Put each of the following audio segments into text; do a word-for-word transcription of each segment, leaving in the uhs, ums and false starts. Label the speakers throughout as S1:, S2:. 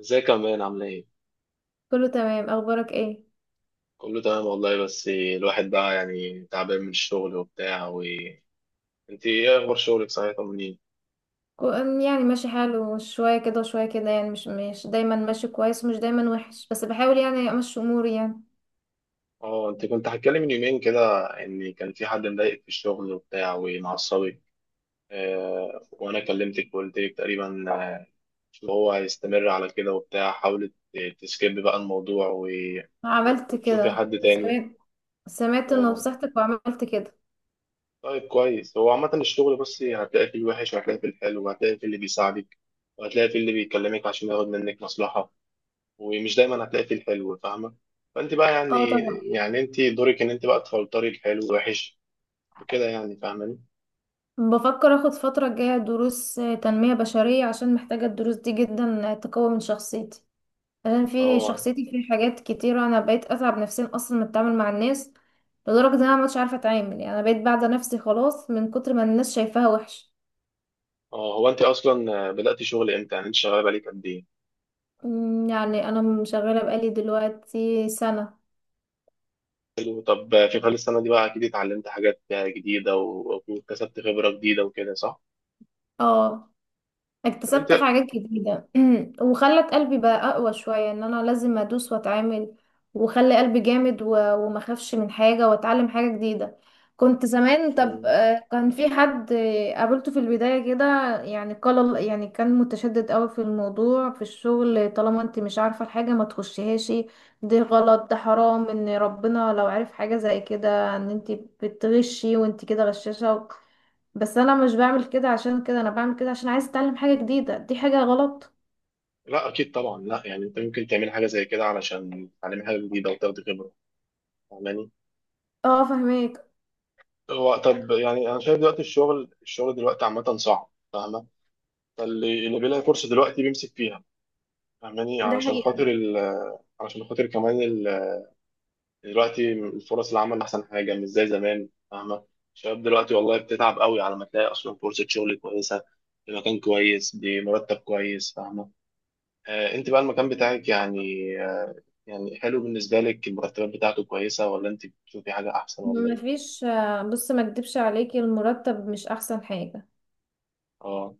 S1: ازيك يا مان؟ عامل ايه؟
S2: كله تمام، اخبارك ايه؟
S1: كله تمام والله، بس الواحد بقى يعني تعبان من الشغل وبتاع و انت ايه اخبار شغلك؟ صحيح طمنيني.
S2: كو- أم يعني ماشي حاله، شوية كده وشوية كده، يعني مش مش دايما ماشي كويس ومش دايما وحش، بس بحاول يعني امشي اموري يعني.
S1: اه، انت كنت هتكلم من يومين كده ان كان في حد مضايقك في الشغل وبتاع ومعصبك. آه، وانا كلمتك وقلت لك تقريبا ان هو هيستمر على كده وبتاع. حاولت تسكيب بقى الموضوع و...
S2: عملت
S1: وتشوفي
S2: كده،
S1: حد تاني.
S2: سمعت. سمعت
S1: اه.
S2: نصيحتك وعملت كده.
S1: طيب، كويس. هو عامة الشغل بس هتلاقي فيه الوحش، وهتلاقي فيه الحلو، وهتلاقي فيه اللي بيساعدك، وهتلاقي فيه اللي بيكلمك عشان ياخد منك مصلحة. ومش دايما هتلاقي فيه الحلو، فاهمة؟ فانت بقى
S2: اه
S1: يعني،
S2: طبعا.
S1: يعني انت دورك ان انت بقى تفلتري الحلو والوحش وكده يعني، فاهماني؟
S2: بفكر اخد فترة الجاية دروس آه، تنمية بشرية، عشان محتاجة الدروس دي جدا، آه، تقوي من شخصيتي. عشان في
S1: اه.
S2: شخصيتي في حاجات كتيرة، انا بقيت اتعب نفسيا اصلا من التعامل مع الناس. لدرجة ان انا مش عارفة اتعامل، يعني انا بقيت بعدة نفسي خلاص من كتر ما الناس شايفاها وحش.
S1: اه، هو انت اصلا بدأتي شغل امتى؟ يعني انت شغالة بقالك قد ايه؟
S2: أمم، يعني انا شغاله بقالي دلوقتي سنه.
S1: حلو. طب في خلال السنة دي بقى اكيد اتعلمت حاجات جديدة و- وكسبت خبرة جديدة وكده، صح؟
S2: اه،
S1: طب انت.
S2: اكتسبت حاجات جديدة. وخلت قلبي بقى أقوى شوية، إن أنا لازم أدوس وأتعامل. وخلي قلبي جامد، و- وما أخافش من حاجة، وأتعلم حاجة جديدة. كنت زمان طب
S1: مم.
S2: آه، كان في حد آه، قابلته في البداية كده. يعني قال، يعني كان متشدد قوي في الموضوع في الشغل، طالما انت مش عارفة الحاجة ما تخشيهاش، دي غلط، ده حرام، ان ربنا لو عارف حاجة زي كده ان انت بتغشي، وانت كده غشاشة. بس انا مش بعمل كده عشان كده، انا بعمل كده عشان عايزه اتعلم حاجه جديده، دي حاجه غلط.
S1: لا اكيد طبعا، لا يعني انت ممكن تعمل حاجة زي كده علشان تتعلمي حاجة جديدة وتاخدي خبرة، فاهماني؟
S2: اه فهميك.
S1: هو طب، يعني انا شايف دلوقتي الشغل الشغل دلوقتي عامة صعب، فاهمة؟ فاللي اللي بيلاقي فرصه دلوقتي بيمسك فيها، فاهماني؟
S2: ده
S1: علشان
S2: حقيقة.
S1: خاطر ال... علشان خاطر كمان ال... دلوقتي الفرص، العمل احسن حاجه، مش زي زمان، فاهمه؟ الشباب دلوقتي والله بتتعب قوي على ما تلاقي اصلا فرصه شغل كويسه في مكان كويس بمرتب كويس، فاهمه؟ آه انت بقى المكان بتاعك يعني، آه يعني حلو بالنسبه لك؟ المرتبات بتاعته كويسه، ولا انت بتشوفي حاجه احسن، ولا ايه؟
S2: مفيش. آه، بص، ما اكدبش عليكي، المرتب مش احسن حاجه.
S1: اه.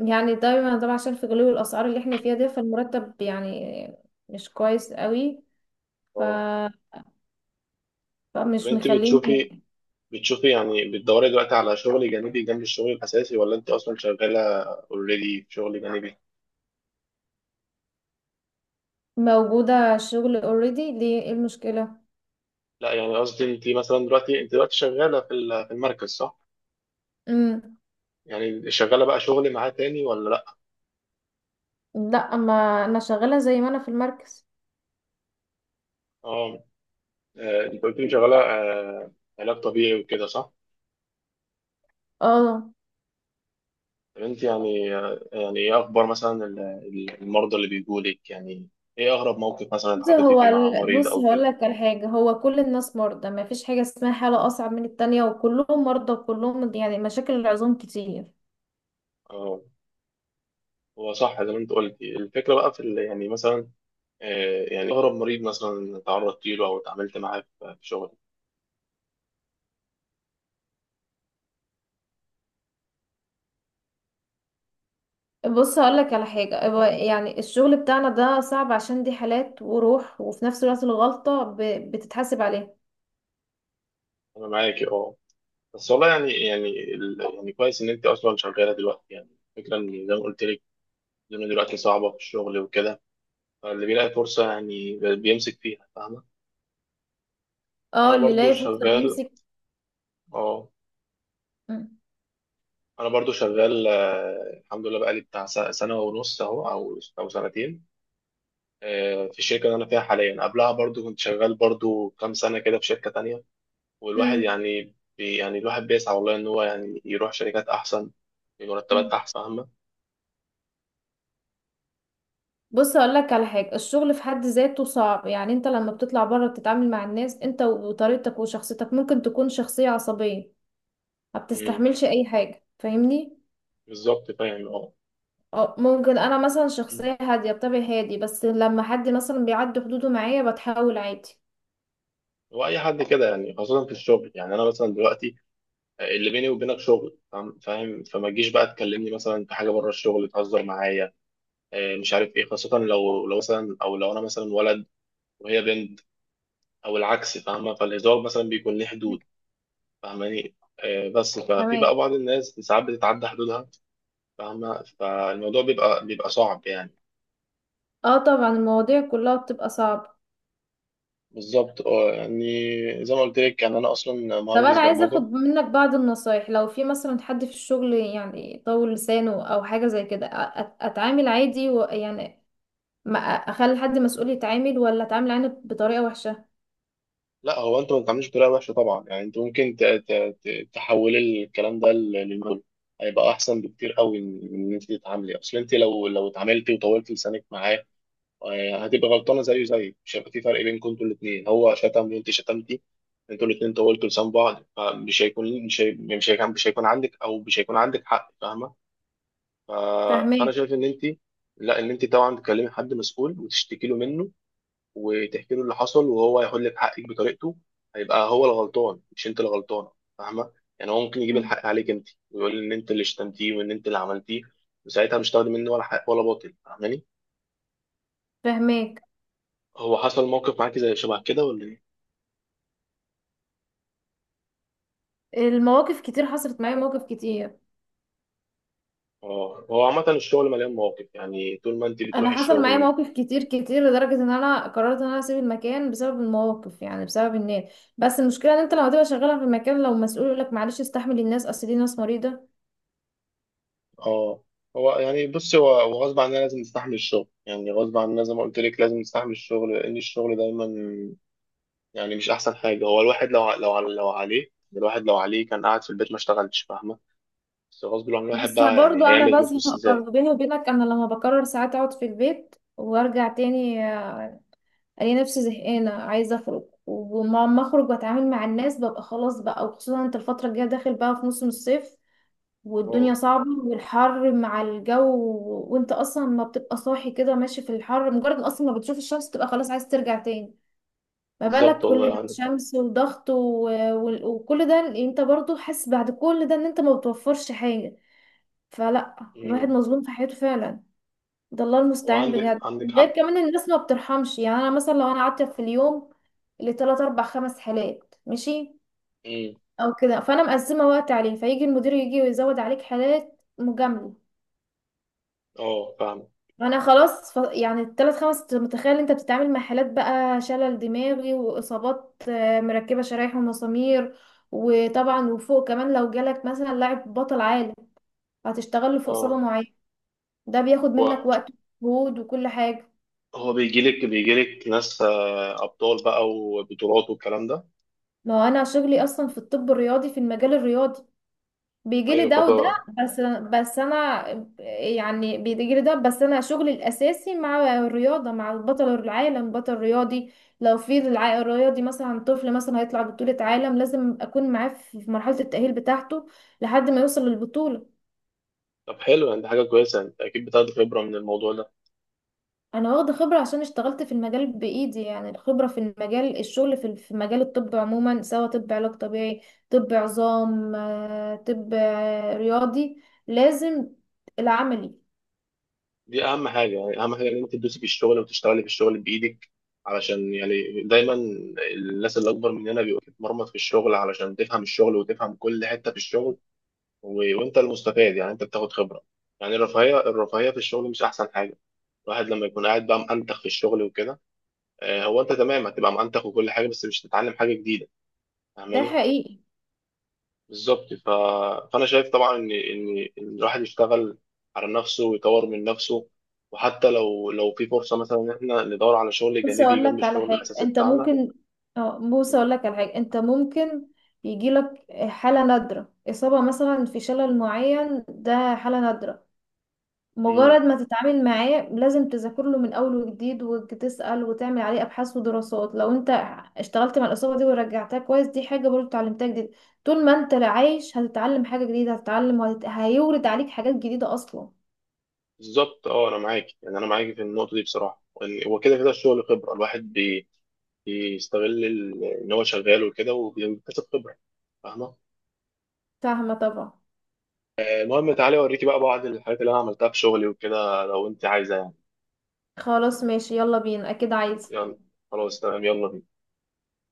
S2: يعني دايما طبعا عشان في غلو الاسعار اللي احنا فيها دي، فالمرتب يعني مش كويس قوي. ف...
S1: اه، طب
S2: فمش
S1: انت بتشوفي،
S2: مخليني.
S1: بتشوفي يعني بتدوري دلوقتي على شغل جانبي جنب الشغل الأساسي، ولا أنت أصلا شغالة اوريدي في شغل جانبي؟
S2: موجوده شغل اوريدي، ليه، ايه المشكله؟
S1: لا يعني قصدي، أنت مثلا دلوقتي، أنت دلوقتي شغالة في ال- في المركز، صح؟
S2: امم.
S1: يعني شغالة بقى شغل معاه تاني ولا لأ؟
S2: لا، ما انا شغاله زي ما انا في المركز.
S1: أه. آه، أنت قلت لي شغالة آه، علاج طبيعي وكده، صح؟
S2: اه.
S1: طب أنت يعني آه، يعني إيه أخبار مثلا ال- ال- المرضى اللي بيجولك يعني؟ إيه أغرب موقف مثلا
S2: بص
S1: اتحطيتي
S2: هو
S1: فيه مع
S2: ال-
S1: مريض
S2: بص
S1: أو
S2: هقول
S1: كده؟
S2: لك على حاجة، هو كل الناس مرضى، ما فيش حاجة اسمها حالة أصعب من التانية، وكلهم مرضى، وكلهم يعني مشاكل العظام كتير.
S1: أه. هو صح زي ما أنت قلتي. الفكرة بقى في ال- يعني مثلا آه، يعني أغرب مريض مثلا تعرضت له أو اتعاملت معاه في في شغلك.
S2: بص هقول
S1: أه،
S2: لك على حاجة، هو يعني الشغل بتاعنا ده صعب، عشان دي حالات وروح، وفي نفس الوقت الغلطة ب- بتتحاسب عليها.
S1: أنا معاكي، أه. بس والله يعني، يعني ال- يعني كويس إن أنت أصلا شغالة دلوقتي يعني. الفكرة إن زي ما قلت لك، الدنيا دلوقتي صعبة في الشغل وكده، فاللي بيلاقي فرصة يعني ب- بيمسك فيها، فاهمة؟
S2: اه،
S1: أنا
S2: اللي
S1: برضو
S2: لاقي فرصة
S1: شغال.
S2: بيمسك.
S1: أه.
S2: مم.
S1: أنا برضو شغال آه، الحمد لله، بقالي بتاع س- سنة ونص أهو، أو أو سنتين. آه، في الشركة اللي أنا فيها حاليا، قبلها برضو كنت شغال برضو كام سنة كده في شركة تانية. والواحد
S2: مم.
S1: يعني بي يعني الواحد بيسعى والله ان هو يعني يروح شركات احسن بمرتبات
S2: مم.
S1: احسن، فاهمة؟
S2: بص هقول لك على حاجة، الشغل في حد ذاته صعب. يعني انت لما بتطلع بره بتتعامل مع الناس، انت وطريقتك وشخصيتك، ممكن تكون شخصية عصبية ما
S1: أمم،
S2: بتستحملش اي حاجة، فاهمني؟
S1: بالظبط، فاهم، اه.
S2: أو ممكن انا مثلا
S1: أمم.
S2: شخصيه هاديه، بطبعي هادي، بس لما حد مثلا بيعدي حدوده معايا بتحاول عادي.
S1: هو اي حد كده يعني، خاصة في الشغل، يعني انا مثلا دلوقتي اللي بيني وبينك شغل، فاهم فاهم؟ فما تجيش بقى تكلمني مثلا في حاجة بره الشغل، تهزر معايا آه، مش عارف ايه، خاصة لو، لو مثلا، او لو انا مثلا ولد وهي بنت او العكس، فاهمة؟ فالهزار مثلا بيكون ليه حدود، فاهماني؟ آه، بس ففي بقى
S2: تمام.
S1: بعض الناس ساعات بتتعدى حدودها، فاهمة؟ فالموضوع بيبقى بيبقى صعب يعني.
S2: اه طبعا، المواضيع كلها بتبقى صعبة.
S1: بالظبط، اه. يعني زي ما قلت لك، يعني انا اصلا
S2: طب
S1: مهندس
S2: انا عايزه
S1: برمجه.
S2: اخد منك بعض النصايح، لو في مثلا حد في الشغل يعني طول لسانه او حاجه زي كده، أ- أت- اتعامل عادي و يعني ما أ- اخلي حد مسؤول يتعامل، ولا اتعامل عادي بطريقه وحشه؟
S1: لا، هو انت ما بتعملش بطريقه وحشه طبعا، يعني انت ممكن ت- ت- ت- تحول الكلام ده ل- للموديل، هيبقى احسن بكتير قوي من من ان انت تتعاملي. اصل انت لو لو اتعاملتي وطولت لسانك معاه آه، هتبقى غلطانه زيه، زي مش هيبقى في فرق بينكم. انتوا الاثنين، هو شتم وانت شتمتي، انتوا الاثنين طولتوا لسان بعض، فمش هيكون مش هي- مش هيكون مش هيكون عندك، او مش هيكون عندك حق، فاهمه؟ ف- فانا
S2: فاهماك.
S1: شايف ان انت، لا، ان انت طبعا تكلمي حد مسؤول وتشتكي له منه، وتحكي له اللي حصل، وهو هيحل لك حقك بطريقته. هيبقى هو الغلطان، مش انت اللي غلطانه، فاهمه؟ يعني هو ممكن يجيب
S2: مم.
S1: الحق عليك انت، ويقول ان انت اللي شتمتيه وان انت اللي عملتيه، وساعتها مش تاخدي منه ولا حق ولا باطل، فاهماني؟
S2: فاهماك.
S1: هو حصل موقف معاكي زي شبه كده ولا ايه؟
S2: المواقف كتير، حصلت معايا مواقف كتير.
S1: اه، هو عامه الشغل مليان مواقف يعني، طول ما انت
S2: انا
S1: بتروحي
S2: حصل معايا
S1: الشغل.
S2: مواقف كتير كتير، لدرجه ان انا قررت ان انا اسيب المكان بسبب المواقف، يعني بسبب الناس. بس المشكله ان انت لما تبقى شغاله في المكان، لو مسؤول يقول لك معلش استحمل الناس، اصل دي ناس مريضه.
S1: اه، هو يعني بص، هو هو غصب عننا لازم نستحمل الشغل، يعني غصب عننا زي ما قلت لك لازم نستحمل الشغل، لان الشغل دايما يعني مش احسن حاجه. هو الواحد لو ع- لو ع- لو عليه، الواحد لو عليه كان قاعد في البيت ما اشتغلش، فاهمه؟ بس غصب عن الواحد
S2: بس
S1: بقى،
S2: برضو
S1: يعني هيعمل
S2: انا
S1: إيه؟ فلوس
S2: بزهق،
S1: ازاي؟
S2: برضو بيني وبينك انا لما بقرر ساعات اقعد في البيت وارجع تاني، آه، الاقي نفسي زهقانه عايزه اخرج، ولما اخرج واتعامل مع الناس ببقى خلاص بقى. وخصوصا انت الفتره الجايه داخل بقى في موسم الصيف، والدنيا
S1: اه،
S2: صعبة، والحر مع الجو، و- وانت اصلا ما بتبقى صاحي كده ماشي في الحر، مجرد ما اصلا ما بتشوف الشمس تبقى خلاص عايز ترجع تاني. ما
S1: بالظبط
S2: بالك كل
S1: والله،
S2: ده
S1: عندك حق.
S2: شمس وضغط و... و... وكل ده، انت برضو حاسس بعد كل ده ان انت ما بتوفرش حاجة. فلا، الواحد
S1: امم.
S2: مظلوم في حياته فعلا، ده الله المستعان
S1: وعندك،
S2: بجد.
S1: عندك
S2: غير
S1: حق.
S2: كمان الناس ما بترحمش. يعني انا مثلا لو انا قعدت في اليوم اللي تلات اربع خمس حالات ماشي
S1: امم.
S2: او كده، فانا مقسمة وقت عليه، فيجي المدير يجي ويزود عليك حالات مجاملة.
S1: اه، فاهم،
S2: انا خلاص. ف... يعني الثلاث خمس، أنت متخيل انت بتتعامل مع حالات بقى شلل دماغي، واصابات آه، مركبه شرايح ومسامير. وطبعا، وفوق كمان لو جالك مثلا لاعب بطل عالم، هتشتغل له في اصابه
S1: اه.
S2: معينه، ده بياخد منك
S1: هو
S2: وقت ومجهود وكل حاجه.
S1: هو بيجي لك، بيجي لك ناس آه، ابطال بقى وبطولات والكلام ده.
S2: ما هو انا شغلي اصلا في الطب الرياضي، في المجال الرياضي بيجيلي
S1: ايوه،
S2: ده وده.
S1: فطبعا.
S2: بس بس انا يعني بيجيلي ده، بس انا شغلي الاساسي مع الرياضه، مع بطل العالم، بطل رياضي. لو في الع- الرياضي مثلا طفل مثلا هيطلع بطوله عالم، لازم اكون معاه في في مرحله التاهيل بتاعته لحد ما يوصل للبطوله.
S1: طب حلو يعني، دي حاجه كويسه، انت اكيد بتاخد خبره من الموضوع ده.
S2: انا واخده خبره عشان اشتغلت في المجال بايدي، يعني الخبره في المجال، الشغل في في مجال الطب عموما، سواء طب علاج طبيعي، طب عظام، آه، طب آه، رياضي، لازم العملي.
S1: دي اهم حاجه، يعني اهم حاجه ان انت تدوسي في الشغل وتشتغلي في الشغل بايدك، علشان يعني دايما الناس اللي اكبر مننا بيبقى تتمرمط في الشغل علشان تفهم الشغل وتفهم كل حته في الشغل و... وانت المستفاد، يعني انت بتاخد خبره. يعني الرفاهيه، الرفاهيه في الشغل مش احسن حاجه. الواحد لما يكون قاعد بقى مأنتخ في الشغل وكده، آه، هو انت تمام، هتبقى مأنتخ وكل حاجه، بس مش هتتعلم حاجه جديده،
S2: ده
S1: فاهماني؟
S2: حقيقي.
S1: بالظبط. ف... فانا شايف طبعا ان ان إن الواحد يشتغل على نفسه ويطور من نفسه، وحتى لو، لو في فرصه مثلا ان احنا ندور على شغل
S2: بص
S1: جانبي
S2: اقول
S1: جنب
S2: لك على
S1: الشغل
S2: حاجه،
S1: الاساسي
S2: انت
S1: بتاعنا.
S2: ممكن، اه بص اقول لك على حاجه، انت ممكن يجي لك حاله نادره، اصابه مثلا في شلل معين، ده حاله نادره،
S1: امم.
S2: مجرد ما تتعامل معاه لازم تذاكر له من اول وجديد، وتسال، وتعمل عليه ابحاث ودراسات. لو انت اشتغلت مع الاصابه دي ورجعتها كويس، دي حاجه برضو اتعلمتها جديد. طول ما انت عايش هتتعلم حاجه جديده، هتتعلم وهت... هيورد عليك حاجات جديده اصلا.
S1: بالظبط، اه. انا معاك، يعني انا معاك في النقطه دي بصراحه، وإن- هو كده كده الشغل خبره، الواحد بي... بيستغل ال- ان هو شغال وكده، وبيكتسب خبره، فاهمه؟
S2: فاهمه طبعا.
S1: آه، المهم تعالي اوريكي بقى بعض الحاجات اللي انا عملتها في شغلي وكده، لو انت عايزه يعني.
S2: خلاص ماشي يلا بينا، اكيد عايز.
S1: يلا. خلاص، تمام، يلا بينا.